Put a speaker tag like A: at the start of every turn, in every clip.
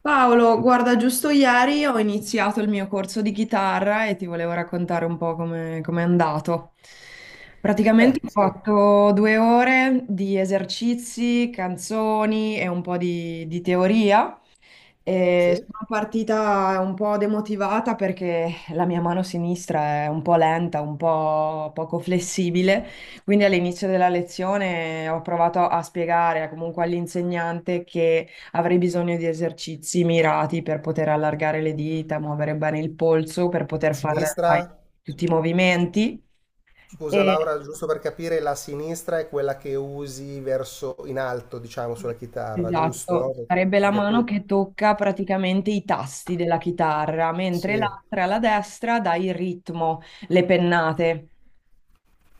A: Paolo, guarda, giusto ieri ho iniziato il mio corso di chitarra e ti volevo raccontare un po' come è andato. Praticamente ho
B: Sì,
A: fatto due ore di esercizi, canzoni e un po' di teoria e
B: sì.
A: sono partita un po' demotivata perché la mia mano sinistra è un po' lenta, un po' poco flessibile, quindi all'inizio della lezione ho provato a spiegare comunque all'insegnante che avrei bisogno di esercizi mirati per poter allargare le dita, muovere bene il polso, per poter fare
B: Sinistra,
A: tutti i movimenti.
B: scusa Laura, giusto per capire, la sinistra è quella che usi verso in alto, diciamo, sulla chitarra,
A: Esatto,
B: giusto?
A: sarebbe la
B: Perché
A: mano
B: tu
A: che tocca praticamente i tasti della chitarra, mentre
B: Sì.
A: l'altra, la destra, dà il ritmo, le pennate.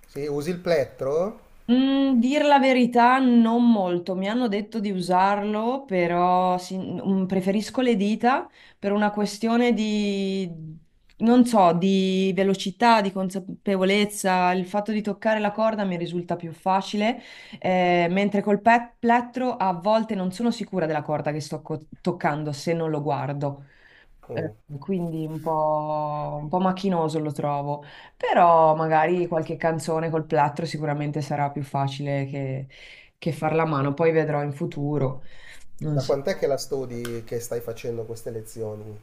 B: Sì, usi il plettro?
A: Mm, dir la verità, non molto. Mi hanno detto di usarlo, però preferisco le dita per una questione non so, di velocità, di consapevolezza. Il fatto di toccare la corda mi risulta più facile, mentre plettro a volte non sono sicura della corda che sto toccando se non lo guardo. Eh,
B: Oh.
A: Quindi un po' macchinoso lo trovo, però magari qualche canzone col plattro sicuramente sarà più facile che farla a mano, poi vedrò in futuro. Non
B: Da
A: so.
B: quant'è che la studi, che stai facendo queste lezioni?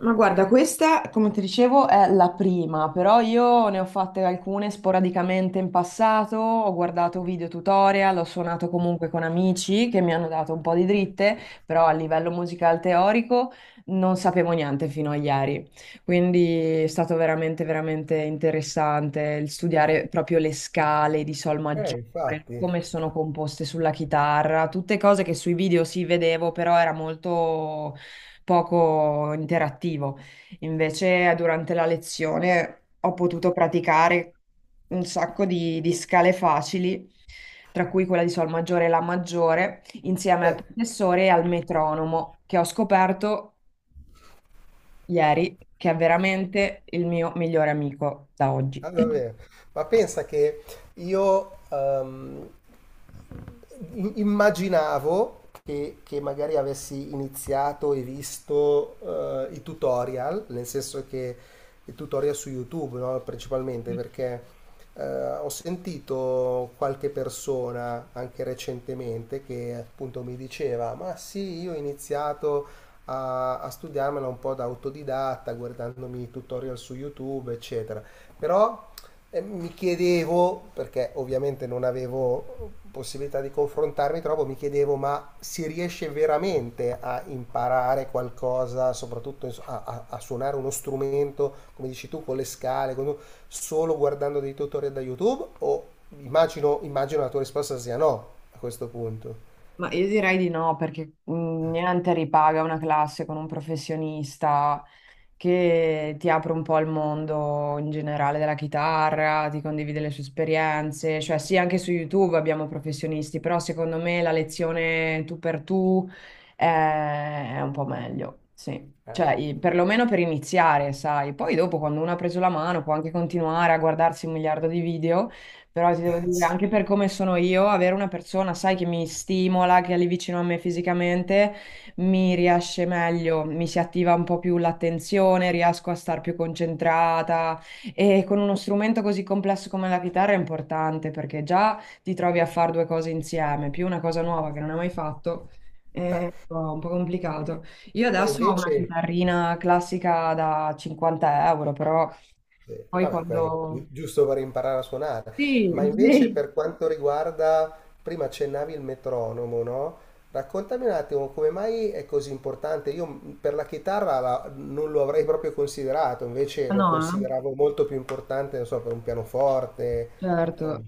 A: Ma guarda, questa, come ti dicevo, è la prima, però io ne ho fatte alcune sporadicamente in passato, ho guardato video tutorial, ho suonato comunque con amici che mi hanno dato un po' di dritte, però a livello musicale teorico non sapevo niente fino a ieri. Quindi è stato veramente, veramente interessante il studiare proprio le scale di sol maggiore.
B: Infatti.
A: Come sono composte sulla chitarra, tutte cose che sui video si vedevo, però era molto poco interattivo. Invece durante la lezione ho potuto praticare un sacco di scale facili, tra cui quella di Sol maggiore e La maggiore, insieme al
B: Eh.
A: professore e al metronomo, che ho scoperto ieri che è veramente il mio migliore amico da oggi.
B: Ah, davvero. Ma pensa che io immaginavo che magari avessi iniziato e visto i tutorial, nel senso che i tutorial su YouTube, no, principalmente perché eh, ho sentito qualche persona anche recentemente che appunto mi diceva: Ma sì, io ho iniziato a studiarmela un po' da autodidatta, guardandomi tutorial su YouTube, eccetera. Però mi chiedevo, perché ovviamente non avevo possibilità di confrontarmi troppo, mi chiedevo ma si riesce veramente a imparare qualcosa, soprattutto a suonare uno strumento, come dici tu, con le scale, solo guardando dei tutorial da YouTube? O immagino la tua risposta sia no a questo punto.
A: Ma io direi di no, perché niente ripaga una classe con un professionista che ti apre un po' al mondo in generale della chitarra, ti condivide le sue esperienze, cioè sì, anche su YouTube abbiamo professionisti, però secondo me la lezione tu per tu è, è un po' meglio, sì.
B: Eh,
A: Cioè, perlomeno per iniziare, sai. Poi dopo, quando uno ha preso la mano, può anche continuare a guardarsi un miliardo di video, però ti devo dire,
B: sì.
A: anche per come sono io, avere una persona, sai, che mi stimola, che è lì vicino a me fisicamente, mi riesce meglio, mi si attiva un po' più l'attenzione, riesco a star più concentrata e con uno strumento così complesso come la chitarra è importante perché già ti trovi a fare due cose insieme, più una cosa nuova che non hai mai fatto. È un po' complicato. Io
B: Ma
A: adesso ho una
B: invece...
A: chitarrina classica da 50 euro, però
B: Sì,
A: poi
B: vabbè,
A: quando...
B: giusto per imparare a suonare,
A: Sì,
B: ma invece
A: sì.
B: per quanto riguarda, prima accennavi il metronomo, no? Raccontami un attimo come mai è così importante. Io per la chitarra non lo avrei proprio considerato, invece
A: Ah,
B: lo
A: no, eh?
B: consideravo molto più importante, non so, per un pianoforte. o-
A: Certo.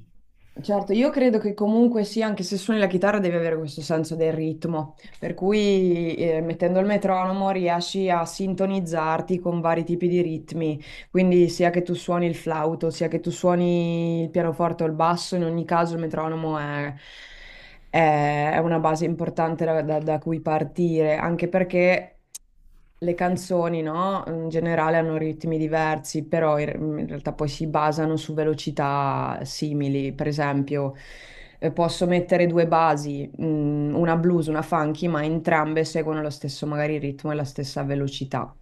A: Certo, io credo che comunque sì, anche se suoni la chitarra devi avere questo senso del ritmo, per cui mettendo il metronomo riesci a sintonizzarti con vari tipi di ritmi, quindi sia che tu suoni il flauto, sia che tu suoni il pianoforte o il basso, in ogni caso il metronomo è una base importante da cui partire, anche perché le canzoni, no? In generale hanno ritmi diversi, però in realtà poi si basano su velocità simili. Per esempio, posso mettere due basi, una blues, una funky, ma entrambe seguono lo stesso magari ritmo e la stessa velocità.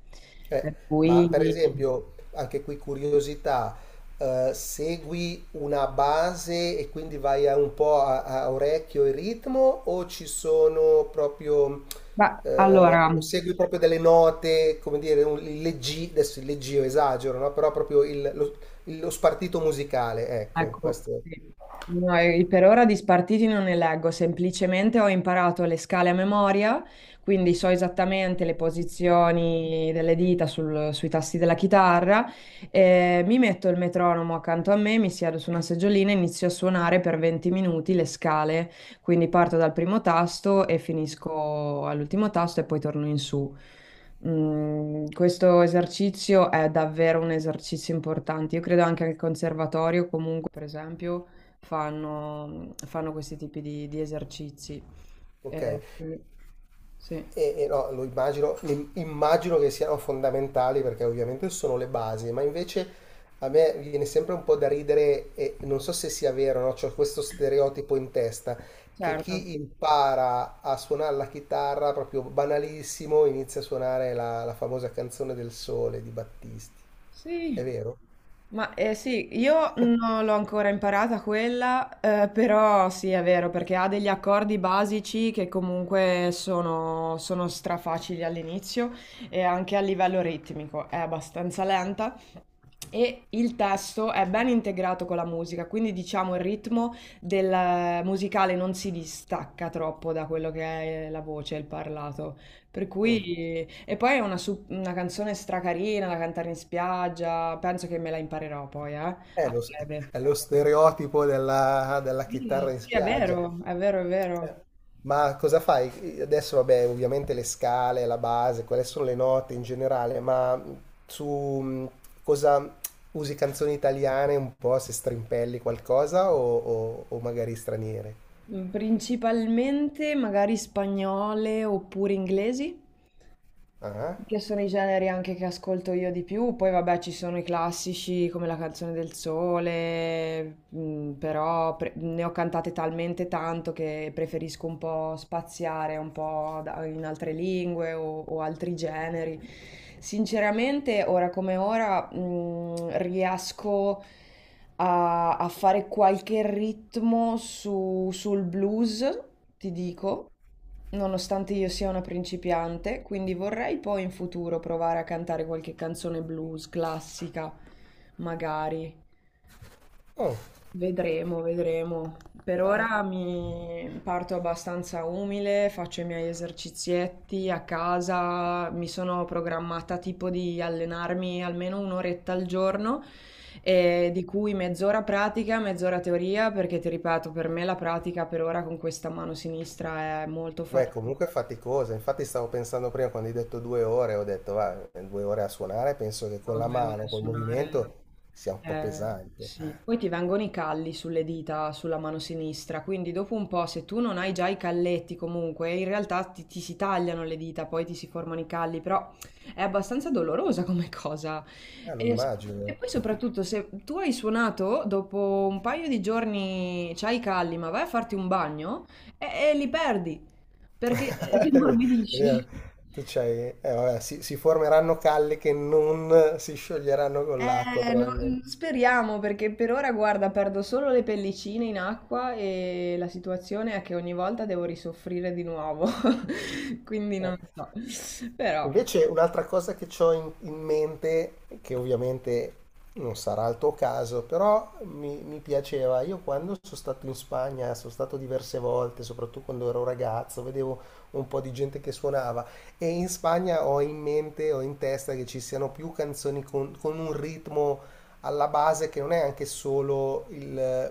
B: Eh,
A: Per
B: ma per
A: cui,
B: esempio, anche qui curiosità, segui una base e quindi vai a un po' a orecchio e ritmo o ci sono proprio,
A: beh, allora.
B: o segui proprio delle note, come dire, adesso il leggio esagero, no? Però proprio lo spartito musicale, ecco,
A: Ecco,
B: questo,
A: sì. No, e per ora di spartiti non ne leggo, semplicemente ho imparato le scale a memoria, quindi so esattamente le posizioni delle dita sui tasti della chitarra, e mi metto il metronomo accanto a me, mi siedo su una seggiolina e inizio a suonare per 20 minuti le scale, quindi parto dal primo tasto e finisco all'ultimo tasto e poi torno in su. Mm, questo esercizio è davvero un esercizio importante. Io credo anche al conservatorio, comunque, per esempio, fanno questi tipi di esercizi. Eh,
B: ok.
A: quindi- sì,
B: E no, lo immagino, immagino che siano fondamentali perché ovviamente sono le basi, ma invece a me viene sempre un po' da ridere e non so se sia vero, no? C'ho questo stereotipo in testa che
A: certo.
B: chi impara a suonare la chitarra proprio banalissimo inizia a suonare la famosa canzone del sole di Battisti. È
A: Sì.
B: vero?
A: Ma sì, io non l'ho ancora imparata quella, però sì, è vero, perché ha degli accordi basici che comunque sono strafacili all'inizio e anche a livello ritmico è abbastanza lenta. E il testo è ben integrato con la musica, quindi diciamo il ritmo del musicale non si distacca troppo da quello che è la voce, il parlato. Per
B: Mm.
A: cui... E poi è una canzone stracarina da cantare in spiaggia, penso che me la imparerò poi,
B: È
A: a
B: lo, s-
A: breve.
B: è lo stereotipo della
A: Sì,
B: chitarra in
A: sì, è
B: spiaggia.
A: vero, è vero, è
B: Eh,
A: vero.
B: Ma cosa fai? Adesso, vabbè, ovviamente le scale, la base, quelle sono le note in generale, ma su cosa usi canzoni italiane un po' se strimpelli qualcosa o magari straniere?
A: Mm, principalmente magari spagnole oppure inglesi,
B: Ah?
A: che sono i generi anche che ascolto io di più. Poi vabbè ci sono i classici come La canzone del sole, mm, però ne ho cantate talmente tanto che preferisco un po' spaziare un po' in altre lingue o altri generi. Sinceramente, ora come ora, mm, riesco a fare qualche ritmo sul blues, ti dico, nonostante io sia una principiante, quindi vorrei poi in futuro provare a cantare qualche canzone blues classica, magari.
B: Oh,
A: Vedremo, vedremo. Per ora mi parto abbastanza umile, faccio i miei esercizietti a casa, mi sono programmata tipo di allenarmi almeno un'oretta al giorno, di cui mezz'ora pratica, mezz'ora teoria, perché ti ripeto, per me la pratica per ora con questa mano sinistra è molto
B: beh,
A: faticosa.
B: comunque è faticosa. Infatti stavo pensando prima quando hai detto 2 ore, ho detto va, 2 ore a suonare, penso che con
A: No,
B: la
A: due ore a
B: mano, col
A: suonare.
B: movimento sia un po'
A: Eh,
B: pesante.
A: sì, poi ti vengono i calli sulle dita, sulla mano sinistra, quindi dopo un po', se tu non hai già i calletti comunque, in realtà ti si tagliano le dita, poi ti si formano i calli, però è abbastanza dolorosa come cosa.
B: Lo
A: E, s- e
B: immagino.
A: poi soprattutto se tu hai suonato, dopo un paio di giorni c'hai i calli, ma vai a farti un bagno e li perdi, perché si
B: È ve- è
A: morbidisce.
B: vero. Vabbè, si formeranno calle che non si scioglieranno con l'acqua,
A: Mm,
B: probabilmente.
A: speriamo perché per ora, guarda, perdo solo le pellicine in acqua e la situazione è che ogni volta devo risoffrire di nuovo. Quindi
B: Eh.
A: non so. Però.
B: Invece un'altra cosa che ho in mente, che ovviamente non sarà il tuo caso, però mi piaceva, io quando sono stato in Spagna, sono stato diverse volte, soprattutto quando ero ragazzo, vedevo un po' di gente che suonava e in Spagna ho in mente, ho in testa che ci siano più canzoni con un ritmo alla base che non è anche solo il,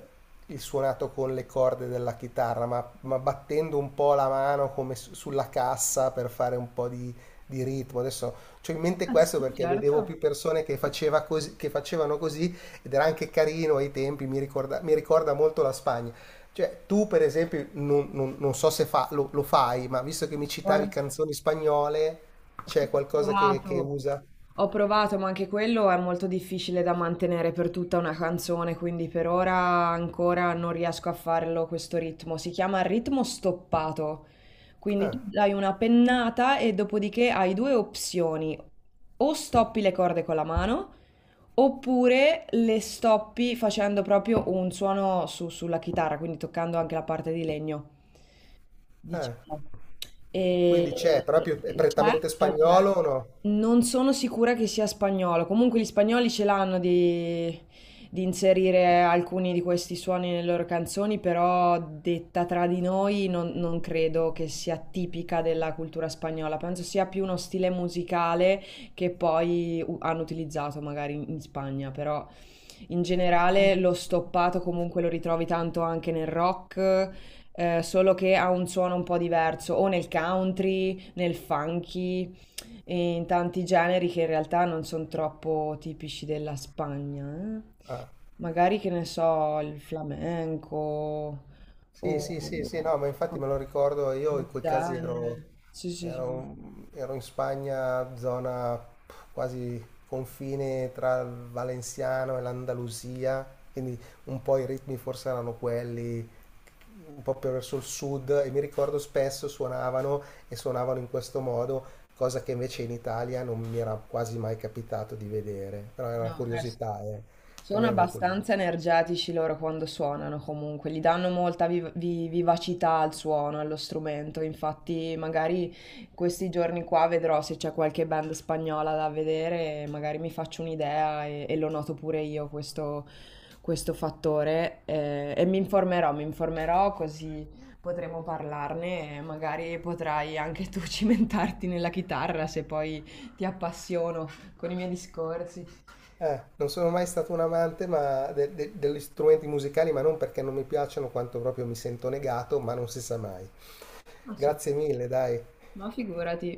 B: il suonato con le corde della chitarra, ma battendo un po' la mano come sulla cassa per fare un po' di ritmo. Adesso ho in mente
A: Ah
B: questo
A: sì,
B: perché vedevo
A: certo.
B: più persone che facevano così ed era anche carino ai tempi, mi ricorda molto la Spagna. Cioè, tu per esempio, non so se lo fai, ma visto che mi citavi
A: Guarda,
B: canzoni spagnole,
A: si
B: c'è
A: è
B: qualcosa che
A: provato.
B: usa?
A: Ho provato, ma anche quello è molto difficile da mantenere per tutta una canzone, quindi per ora ancora non riesco a farlo questo ritmo. Si chiama ritmo stoppato. Quindi tu
B: Ah,
A: dai una pennata e dopodiché hai due opzioni. O stoppi le corde con la mano, oppure le stoppi facendo proprio un suono sulla chitarra, quindi toccando anche la parte di legno
B: ah,
A: diciamo.
B: quindi
A: E
B: c'è, proprio è prettamente
A: c'è.
B: spagnolo o no?
A: Non sono sicura che sia spagnolo. Comunque gli spagnoli ce l'hanno di inserire alcuni di questi suoni nelle loro canzoni, però detta tra di noi non credo che sia tipica della cultura spagnola. Penso sia più uno stile musicale che poi hanno utilizzato magari in Spagna, però in generale lo stoppato comunque lo ritrovi tanto anche nel rock, solo che ha un suono un po' diverso, o nel country, nel funky, e in tanti generi che in realtà non sono troppo tipici della Spagna.
B: Ah.
A: Magari che ne so, il flamenco
B: Sì, sì, sì, sì,
A: o
B: no, ma infatti me lo ricordo, io
A: del
B: in quei casi
A: genere. Sì, sì, sì.
B: ero, ero in Spagna, zona quasi confine tra il Valenziano e l'Andalusia, quindi un po' i ritmi forse erano quelli, un po' più verso il sud, e mi ricordo spesso suonavano e suonavano in questo modo, cosa che invece in Italia non mi era quasi mai capitato di vedere, però era una
A: No,
B: curiosità, eh. La
A: sono
B: mia era una curiosità.
A: abbastanza energetici loro quando suonano comunque, gli danno molta vivacità al suono, allo strumento, infatti magari questi giorni qua vedrò se c'è qualche band spagnola da vedere, magari mi faccio un'idea e lo noto pure io questo, questo fattore, e mi informerò così potremo parlarne e magari potrai anche tu cimentarti nella chitarra se poi ti appassiono con i miei discorsi.
B: Non sono mai stato un amante ma degli strumenti musicali, ma non perché non mi piacciono, quanto proprio mi sento negato, ma non si sa mai.
A: Non so,
B: Grazie mille, dai.
A: ma figurati.